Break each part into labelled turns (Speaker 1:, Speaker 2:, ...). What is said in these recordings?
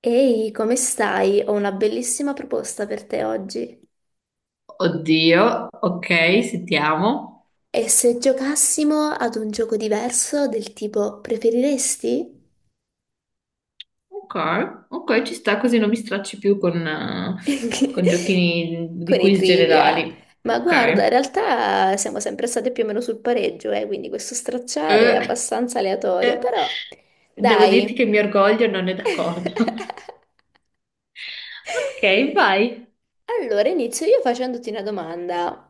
Speaker 1: Ehi, come stai? Ho una bellissima proposta per te oggi.
Speaker 2: Oddio, ok, sentiamo.
Speaker 1: E se giocassimo ad un gioco diverso del tipo preferiresti?
Speaker 2: Ok, ok, ci sta così non mi stracci più con giochini di
Speaker 1: Con i
Speaker 2: quiz
Speaker 1: trivia.
Speaker 2: generali.
Speaker 1: Ma guarda, in
Speaker 2: Ok.
Speaker 1: realtà siamo sempre state più o meno sul pareggio, quindi questo stracciare è
Speaker 2: Eh,
Speaker 1: abbastanza aleatorio,
Speaker 2: eh,
Speaker 1: però
Speaker 2: Devo dirti
Speaker 1: dai.
Speaker 2: che il mio orgoglio non è d'accordo. Ok, vai.
Speaker 1: Allora, inizio io facendoti una domanda.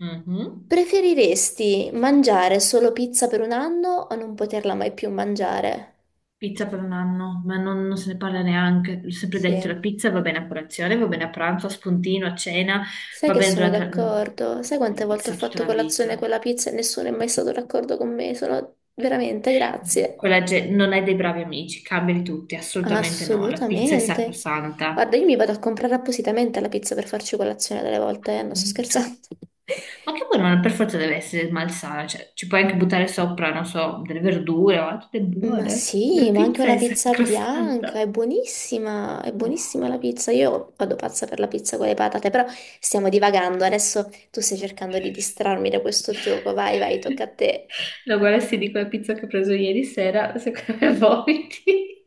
Speaker 2: Mhm.
Speaker 1: Preferiresti mangiare solo pizza per un anno o non poterla mai più mangiare?
Speaker 2: Pizza per un anno, ma non se ne parla neanche. L'ho sempre detto, la
Speaker 1: Sì,
Speaker 2: pizza va bene a colazione, va bene a pranzo, a spuntino, a cena,
Speaker 1: sai
Speaker 2: va
Speaker 1: che
Speaker 2: bene
Speaker 1: sono
Speaker 2: durante la.
Speaker 1: d'accordo. Sai quante volte ho
Speaker 2: Pizza tutta
Speaker 1: fatto
Speaker 2: la
Speaker 1: colazione
Speaker 2: vita.
Speaker 1: con la pizza e nessuno è mai stato d'accordo con me? Sono veramente, grazie.
Speaker 2: Non hai dei bravi amici, cambiali tutti, assolutamente no. La pizza è
Speaker 1: Assolutamente.
Speaker 2: sacrosanta.
Speaker 1: Guarda, io mi vado a comprare appositamente la pizza per farci colazione delle volte, eh. Non sto
Speaker 2: Punto.
Speaker 1: scherzando.
Speaker 2: Ma che poi non per forza deve essere malsana, cioè ci puoi anche buttare sopra, non so, delle verdure, ma tutte
Speaker 1: Ma
Speaker 2: buone. La
Speaker 1: sì, ma anche
Speaker 2: pizza
Speaker 1: una
Speaker 2: è
Speaker 1: pizza bianca,
Speaker 2: sacrosanta.
Speaker 1: è
Speaker 2: Oh.
Speaker 1: buonissima la pizza. Io vado pazza per la pizza con le patate, però stiamo divagando. Adesso tu stai cercando di distrarmi da questo gioco. Vai, vai, tocca a te.
Speaker 2: No, guarda, se dico la pizza che ho preso ieri sera, secondo me vomiti.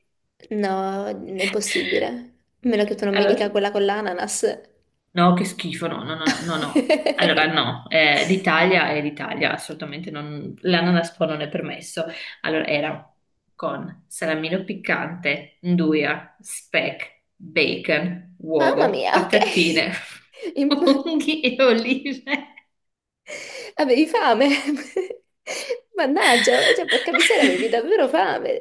Speaker 1: No, è impossibile. A meno che tu non mi
Speaker 2: Allora,
Speaker 1: dica quella con l'ananas.
Speaker 2: no, che schifo, no, no, no, no, no, no. Allora no, l'Italia è l'Italia, assolutamente non, l'ananaspo non è permesso. Allora era con salamino piccante, nduja, speck, bacon,
Speaker 1: Mamma
Speaker 2: uovo,
Speaker 1: mia, ok.
Speaker 2: patatine,
Speaker 1: Imp-
Speaker 2: funghi e olive.
Speaker 1: Avevi fame. Mannaggia, cioè, porca miseria, avevi davvero fame.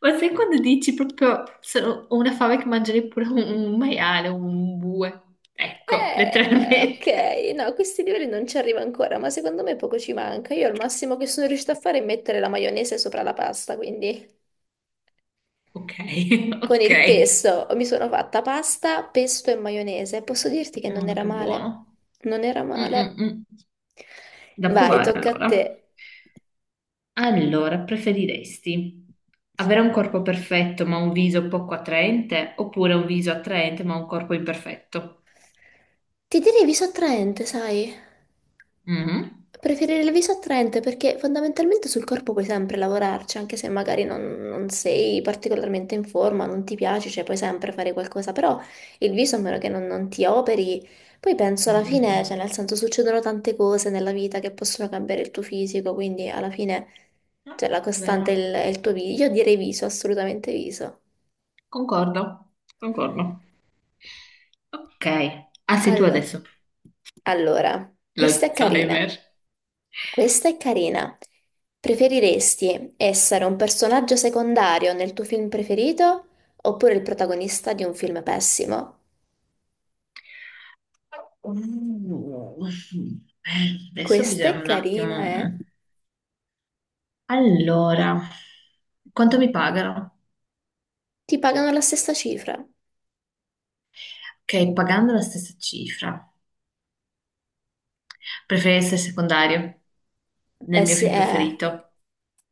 Speaker 2: Ma sai quando dici proprio ho una fame che mangerei pure un maiale, un bue? Ecco, letteralmente.
Speaker 1: Ok, no, a questi livelli non ci arrivo ancora, ma secondo me poco ci manca. Io al massimo che sono riuscita a fare è mettere la maionese sopra la pasta, quindi
Speaker 2: Ok,
Speaker 1: con
Speaker 2: ok.
Speaker 1: il pesto mi sono fatta pasta, pesto e maionese. Posso dirti che non
Speaker 2: Molto
Speaker 1: era
Speaker 2: più
Speaker 1: male.
Speaker 2: buono.
Speaker 1: Non era
Speaker 2: Mm,
Speaker 1: male.
Speaker 2: mm, mm. Da
Speaker 1: Vai,
Speaker 2: provare
Speaker 1: tocca a te.
Speaker 2: allora. Allora, preferiresti avere un corpo perfetto ma un viso poco attraente oppure un viso attraente ma un corpo imperfetto?
Speaker 1: Ti direvi sottraente, sai?
Speaker 2: Mhm.
Speaker 1: Preferire il viso attraente perché fondamentalmente sul corpo puoi sempre lavorarci, anche se magari non sei particolarmente in forma, non ti piace, cioè puoi sempre fare qualcosa, però il viso a meno che non ti operi, poi penso
Speaker 2: Mm,
Speaker 1: alla
Speaker 2: mm,
Speaker 1: fine, cioè
Speaker 2: mm.
Speaker 1: nel senso succedono tante cose nella vita che possono cambiare il tuo fisico, quindi alla fine
Speaker 2: No.
Speaker 1: cioè, la costante è
Speaker 2: Vero.
Speaker 1: il tuo viso, io direi viso, assolutamente viso.
Speaker 2: Concordo. Concordo. Ok. Ah, sei tu
Speaker 1: Allora,
Speaker 2: adesso.
Speaker 1: allora, questa è carina.
Speaker 2: L'Alzheimer.
Speaker 1: Questa è carina. Preferiresti essere un personaggio secondario nel tuo film preferito oppure il protagonista di un film pessimo?
Speaker 2: Uh, Adesso
Speaker 1: Questa è
Speaker 2: bisogna un
Speaker 1: carina,
Speaker 2: attimo.
Speaker 1: eh?
Speaker 2: Allora, quanto mi pagano?
Speaker 1: Ti pagano la stessa cifra.
Speaker 2: Ok, pagando la stessa cifra, preferirei essere secondario nel
Speaker 1: Eh
Speaker 2: mio
Speaker 1: sì,
Speaker 2: film preferito,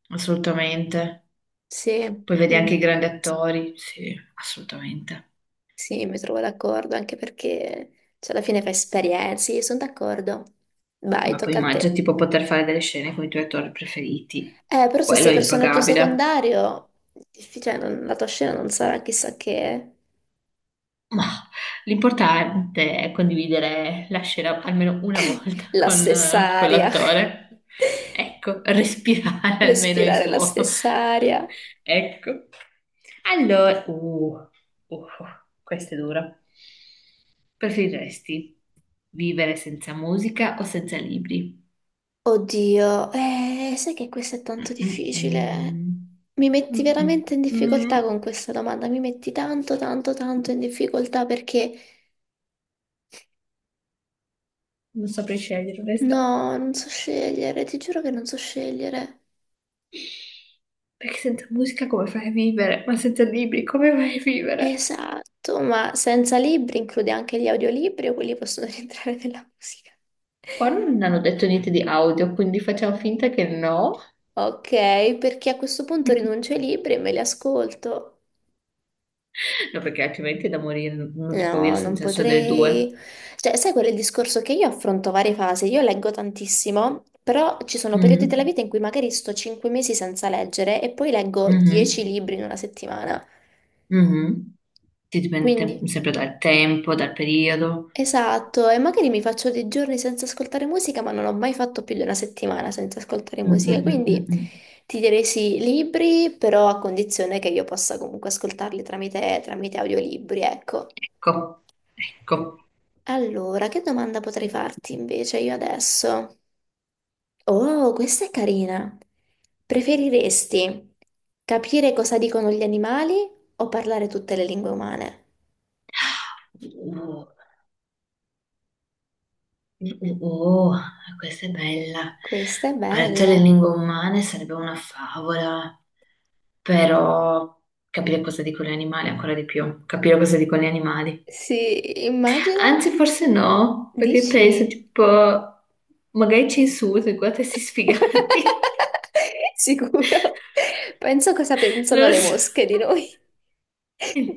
Speaker 2: assolutamente.
Speaker 1: sì,
Speaker 2: Poi vedi anche i
Speaker 1: Mm,
Speaker 2: grandi attori, sì, assolutamente.
Speaker 1: sì, mi trovo d'accordo anche perché cioè, alla fine fai esperienze, io sono d'accordo. Vai,
Speaker 2: Ma poi
Speaker 1: tocca a
Speaker 2: immagina
Speaker 1: te.
Speaker 2: tipo poter fare delle scene con i tuoi attori preferiti,
Speaker 1: Però se
Speaker 2: quello
Speaker 1: sei
Speaker 2: è
Speaker 1: personaggio
Speaker 2: impagabile.
Speaker 1: secondario, difficile, la tua scena non sarà chissà che, eh.
Speaker 2: Mah, l'importante è condividere la scena almeno una volta
Speaker 1: La
Speaker 2: con
Speaker 1: stessa aria,
Speaker 2: quell'attore. Ecco, respirare almeno il
Speaker 1: respirare la
Speaker 2: suo.
Speaker 1: stessa aria.
Speaker 2: Ecco. Allora, uh, questo è duro. Preferiresti vivere senza musica o senza libri?
Speaker 1: Oddio, sai che questo è tanto difficile.
Speaker 2: Mm-mm.
Speaker 1: Mi metti veramente in difficoltà
Speaker 2: Mm-mm.
Speaker 1: con questa domanda, mi metti tanto, tanto, tanto in difficoltà perché
Speaker 2: Non saprei scegliere, onesta.
Speaker 1: no, non so scegliere, ti giuro che non so scegliere.
Speaker 2: Perché senza musica come fai a vivere? Ma senza libri come fai a vivere?
Speaker 1: Esatto, ma senza libri include anche gli audiolibri o quelli possono rientrare nella musica?
Speaker 2: Qua non hanno detto niente di audio, quindi facciamo finta che no.
Speaker 1: Ok, perché a questo punto rinuncio ai libri e me li ascolto.
Speaker 2: No, perché altrimenti è da morire, non si può dire
Speaker 1: No, non
Speaker 2: senza senso delle
Speaker 1: potrei.
Speaker 2: due.
Speaker 1: Cioè, sai quel discorso che io affronto varie fasi? Io leggo tantissimo, però ci sono periodi
Speaker 2: Mm,
Speaker 1: della vita in cui magari sto 5 mesi senza leggere e poi leggo 10
Speaker 2: mhm,
Speaker 1: libri in una settimana.
Speaker 2: mhm. Sì, dipende
Speaker 1: Quindi,
Speaker 2: sempre dal tempo, dal periodo.
Speaker 1: esatto, e magari mi faccio dei giorni senza ascoltare musica, ma non ho mai fatto più di una settimana senza ascoltare
Speaker 2: Mm,
Speaker 1: musica,
Speaker 2: mm, mm,
Speaker 1: quindi
Speaker 2: mm, mm.
Speaker 1: ti direi sì, libri, però a condizione che io possa comunque ascoltarli tramite audiolibri, ecco.
Speaker 2: Ecco, ecco.
Speaker 1: Allora, che domanda potrei farti invece io adesso? Oh, questa è carina. Preferiresti capire cosa dicono gli animali o parlare tutte le lingue umane?
Speaker 2: Oh, oh, oh, oh, questa è bella.
Speaker 1: Questa è
Speaker 2: Parte delle
Speaker 1: bella.
Speaker 2: lingue umane sarebbe una favola, però capire cosa dicono gli animali ancora di più, capire cosa dicono gli animali.
Speaker 1: Sì, immagina,
Speaker 2: Anzi, forse no, perché
Speaker 1: dici?
Speaker 2: penso, tipo, magari ci insulta, guarda questi sfigati.
Speaker 1: Sicuro. Penso cosa
Speaker 2: Non
Speaker 1: pensano
Speaker 2: lo
Speaker 1: le
Speaker 2: so.
Speaker 1: mosche di noi.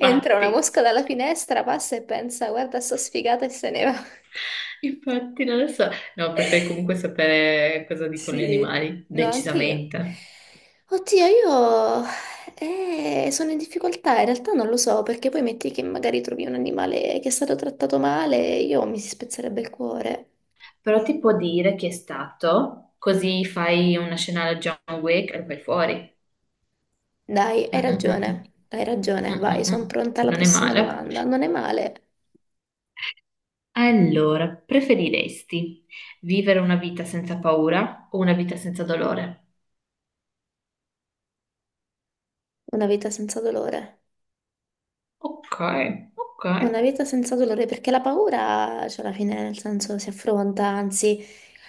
Speaker 1: Entra una mosca dalla finestra, passa e pensa, guarda, sto sfigata e se ne va.
Speaker 2: infatti, non lo so. No, preferirei comunque sapere cosa dicono gli
Speaker 1: Sì,
Speaker 2: animali,
Speaker 1: no, anche io.
Speaker 2: decisamente.
Speaker 1: Oddio, io sono in difficoltà, in realtà non lo so, perché poi metti che magari trovi un animale che è stato trattato male, io mi si spezzerebbe il cuore.
Speaker 2: Però ti può dire chi è stato, così fai una scena alla John Wick e lo fai fuori.
Speaker 1: Dai,
Speaker 2: Mm, mm, mm,
Speaker 1: hai
Speaker 2: mm,
Speaker 1: ragione,
Speaker 2: mm,
Speaker 1: vai,
Speaker 2: mm,
Speaker 1: sono
Speaker 2: mm.
Speaker 1: pronta alla
Speaker 2: Non è
Speaker 1: prossima
Speaker 2: male.
Speaker 1: domanda. Non è male.
Speaker 2: Allora, preferiresti vivere una vita senza paura o una vita senza dolore?
Speaker 1: Una vita senza dolore.
Speaker 2: Ok, ok,
Speaker 1: Una vita senza dolore, perché la paura, cioè alla fine, nel senso, si affronta, anzi.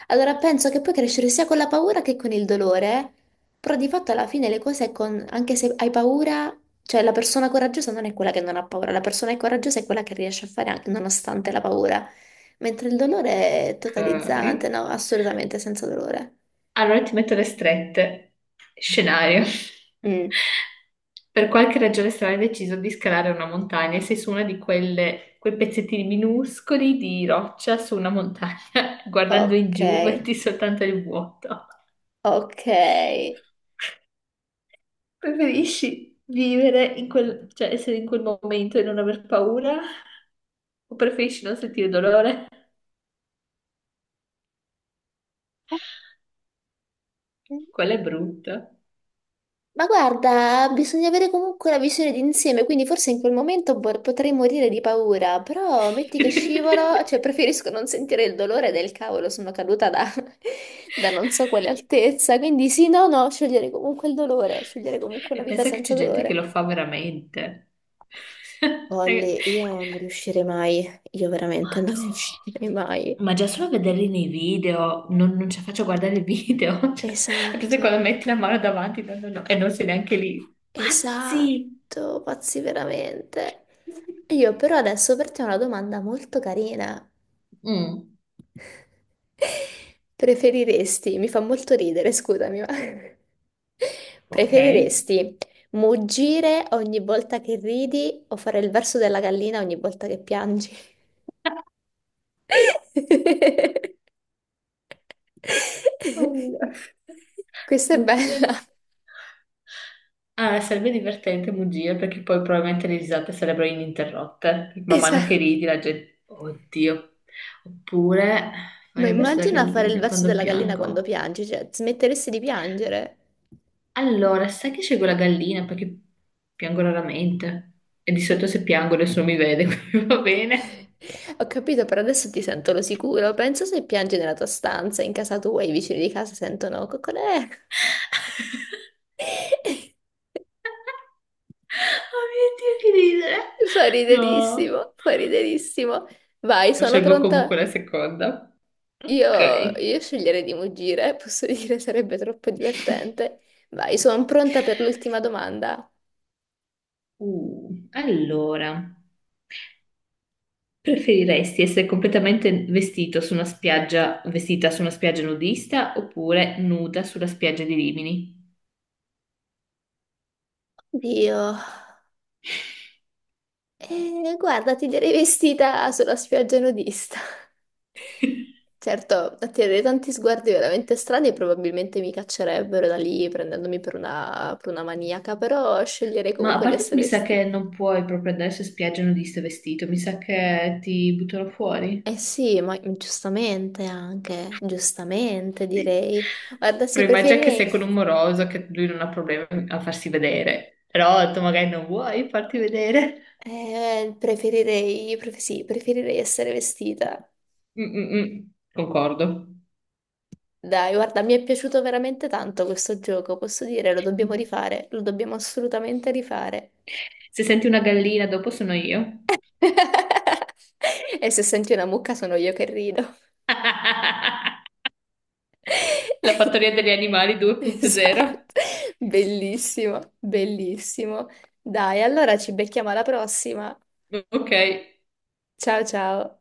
Speaker 1: Allora penso che puoi crescere sia con la paura che con il dolore, però di fatto alla fine le cose con... anche se hai paura, cioè la persona coraggiosa non è quella che non ha paura, la persona coraggiosa è quella che riesce a fare anche nonostante la paura, mentre il dolore è
Speaker 2: ok.
Speaker 1: totalizzante, no, assolutamente senza dolore.
Speaker 2: Allora ti metto le strette. Scenario.
Speaker 1: Mm,
Speaker 2: Per qualche ragione strana hai deciso di scalare una montagna e sei su una di quelle, quei pezzettini minuscoli di roccia su una montagna, guardando in
Speaker 1: ok,
Speaker 2: giù, vedi soltanto il vuoto.
Speaker 1: ok.
Speaker 2: Preferisci vivere cioè essere in quel momento e non aver paura? O preferisci non sentire dolore? Quella è brutta.
Speaker 1: Ma guarda, bisogna avere comunque la visione d'insieme, quindi forse in quel momento potrei morire di paura, però metti che scivolo, cioè preferisco non sentire il dolore del cavolo, sono caduta da, da non so quale altezza, quindi sì, no, no, scegliere comunque il dolore, scegliere comunque
Speaker 2: E
Speaker 1: una vita
Speaker 2: pensa che c'è
Speaker 1: senza
Speaker 2: gente che
Speaker 1: dolore.
Speaker 2: lo fa veramente. Raga,
Speaker 1: Olli, io non riuscirei mai, io veramente non
Speaker 2: Madò.
Speaker 1: riuscirei mai.
Speaker 2: Ma già solo vederli nei video, non ci faccio guardare i video. Cioè, a parte
Speaker 1: Esatto,
Speaker 2: quando metti la mano davanti, no, no, no, e non sei neanche lì. Pazzi!
Speaker 1: esatto, pazzi veramente. Io però adesso per te ho una domanda molto carina.
Speaker 2: Mm,
Speaker 1: Preferiresti, mi fa molto ridere, scusami, ma
Speaker 2: ok.
Speaker 1: preferiresti muggire ogni volta che ridi o fare il verso della gallina ogni volta che piangi?
Speaker 2: Oddio.
Speaker 1: Questa è
Speaker 2: Mugire.
Speaker 1: bella.
Speaker 2: Ah, sarebbe divertente mugire perché poi probabilmente le risate sarebbero ininterrotte. Man mano che
Speaker 1: Esatto.
Speaker 2: ridi la gente. Oddio. Oppure
Speaker 1: Ma
Speaker 2: fare il verso da
Speaker 1: immagina fare il
Speaker 2: gallina
Speaker 1: verso
Speaker 2: quando
Speaker 1: della gallina quando
Speaker 2: piango.
Speaker 1: piangi, cioè smetteresti di piangere.
Speaker 2: Allora, sai che scelgo la gallina perché piango raramente. E di solito se piango nessuno mi vede, quindi va bene.
Speaker 1: Ho capito, però adesso ti sento lo sicuro. Penso se piangi nella tua stanza, in casa tua, i vicini di casa sentono coccolè.
Speaker 2: Oh mio Dio, che ridere!
Speaker 1: Fa
Speaker 2: No.
Speaker 1: riderissimo, fa riderissimo. Vai, sono
Speaker 2: Scelgo comunque
Speaker 1: pronta.
Speaker 2: la seconda. Ok.
Speaker 1: Io sceglierei di muggire, posso dire, sarebbe troppo divertente. Vai, sono pronta per l'ultima domanda.
Speaker 2: Allora, preferiresti essere completamente vestito su una spiaggia, vestita su una spiaggia nudista oppure nuda sulla spiaggia di Rimini?
Speaker 1: Dio. Guarda, ti direi vestita sulla spiaggia nudista. Certo, attirerei tanti sguardi veramente strani e probabilmente mi caccerebbero da lì prendendomi per una, maniaca, però sceglierei
Speaker 2: Ma a
Speaker 1: comunque di
Speaker 2: parte che mi
Speaker 1: essere
Speaker 2: sa
Speaker 1: vestita.
Speaker 2: che non puoi proprio andare su spiaggia nudista vestito, mi sa che ti buttano fuori.
Speaker 1: Eh sì, ma giustamente anche, giustamente
Speaker 2: Sì.
Speaker 1: direi. Guarda, sì,
Speaker 2: Però immagina che sei con un moroso, che lui non ha problemi a farsi vedere, però tu magari non vuoi farti vedere.
Speaker 1: sì, preferirei essere vestita.
Speaker 2: Mm, mm, mm. Concordo.
Speaker 1: Dai, guarda, mi è piaciuto veramente tanto questo gioco, posso dire, lo dobbiamo rifare, lo dobbiamo assolutamente rifare.
Speaker 2: Se senti una gallina, dopo sono io.
Speaker 1: E se senti una mucca sono io che rido.
Speaker 2: La fattoria degli animali 2.0.
Speaker 1: Esatto, bellissimo, bellissimo. Dai, allora ci becchiamo alla prossima.
Speaker 2: Ok.
Speaker 1: Ciao ciao.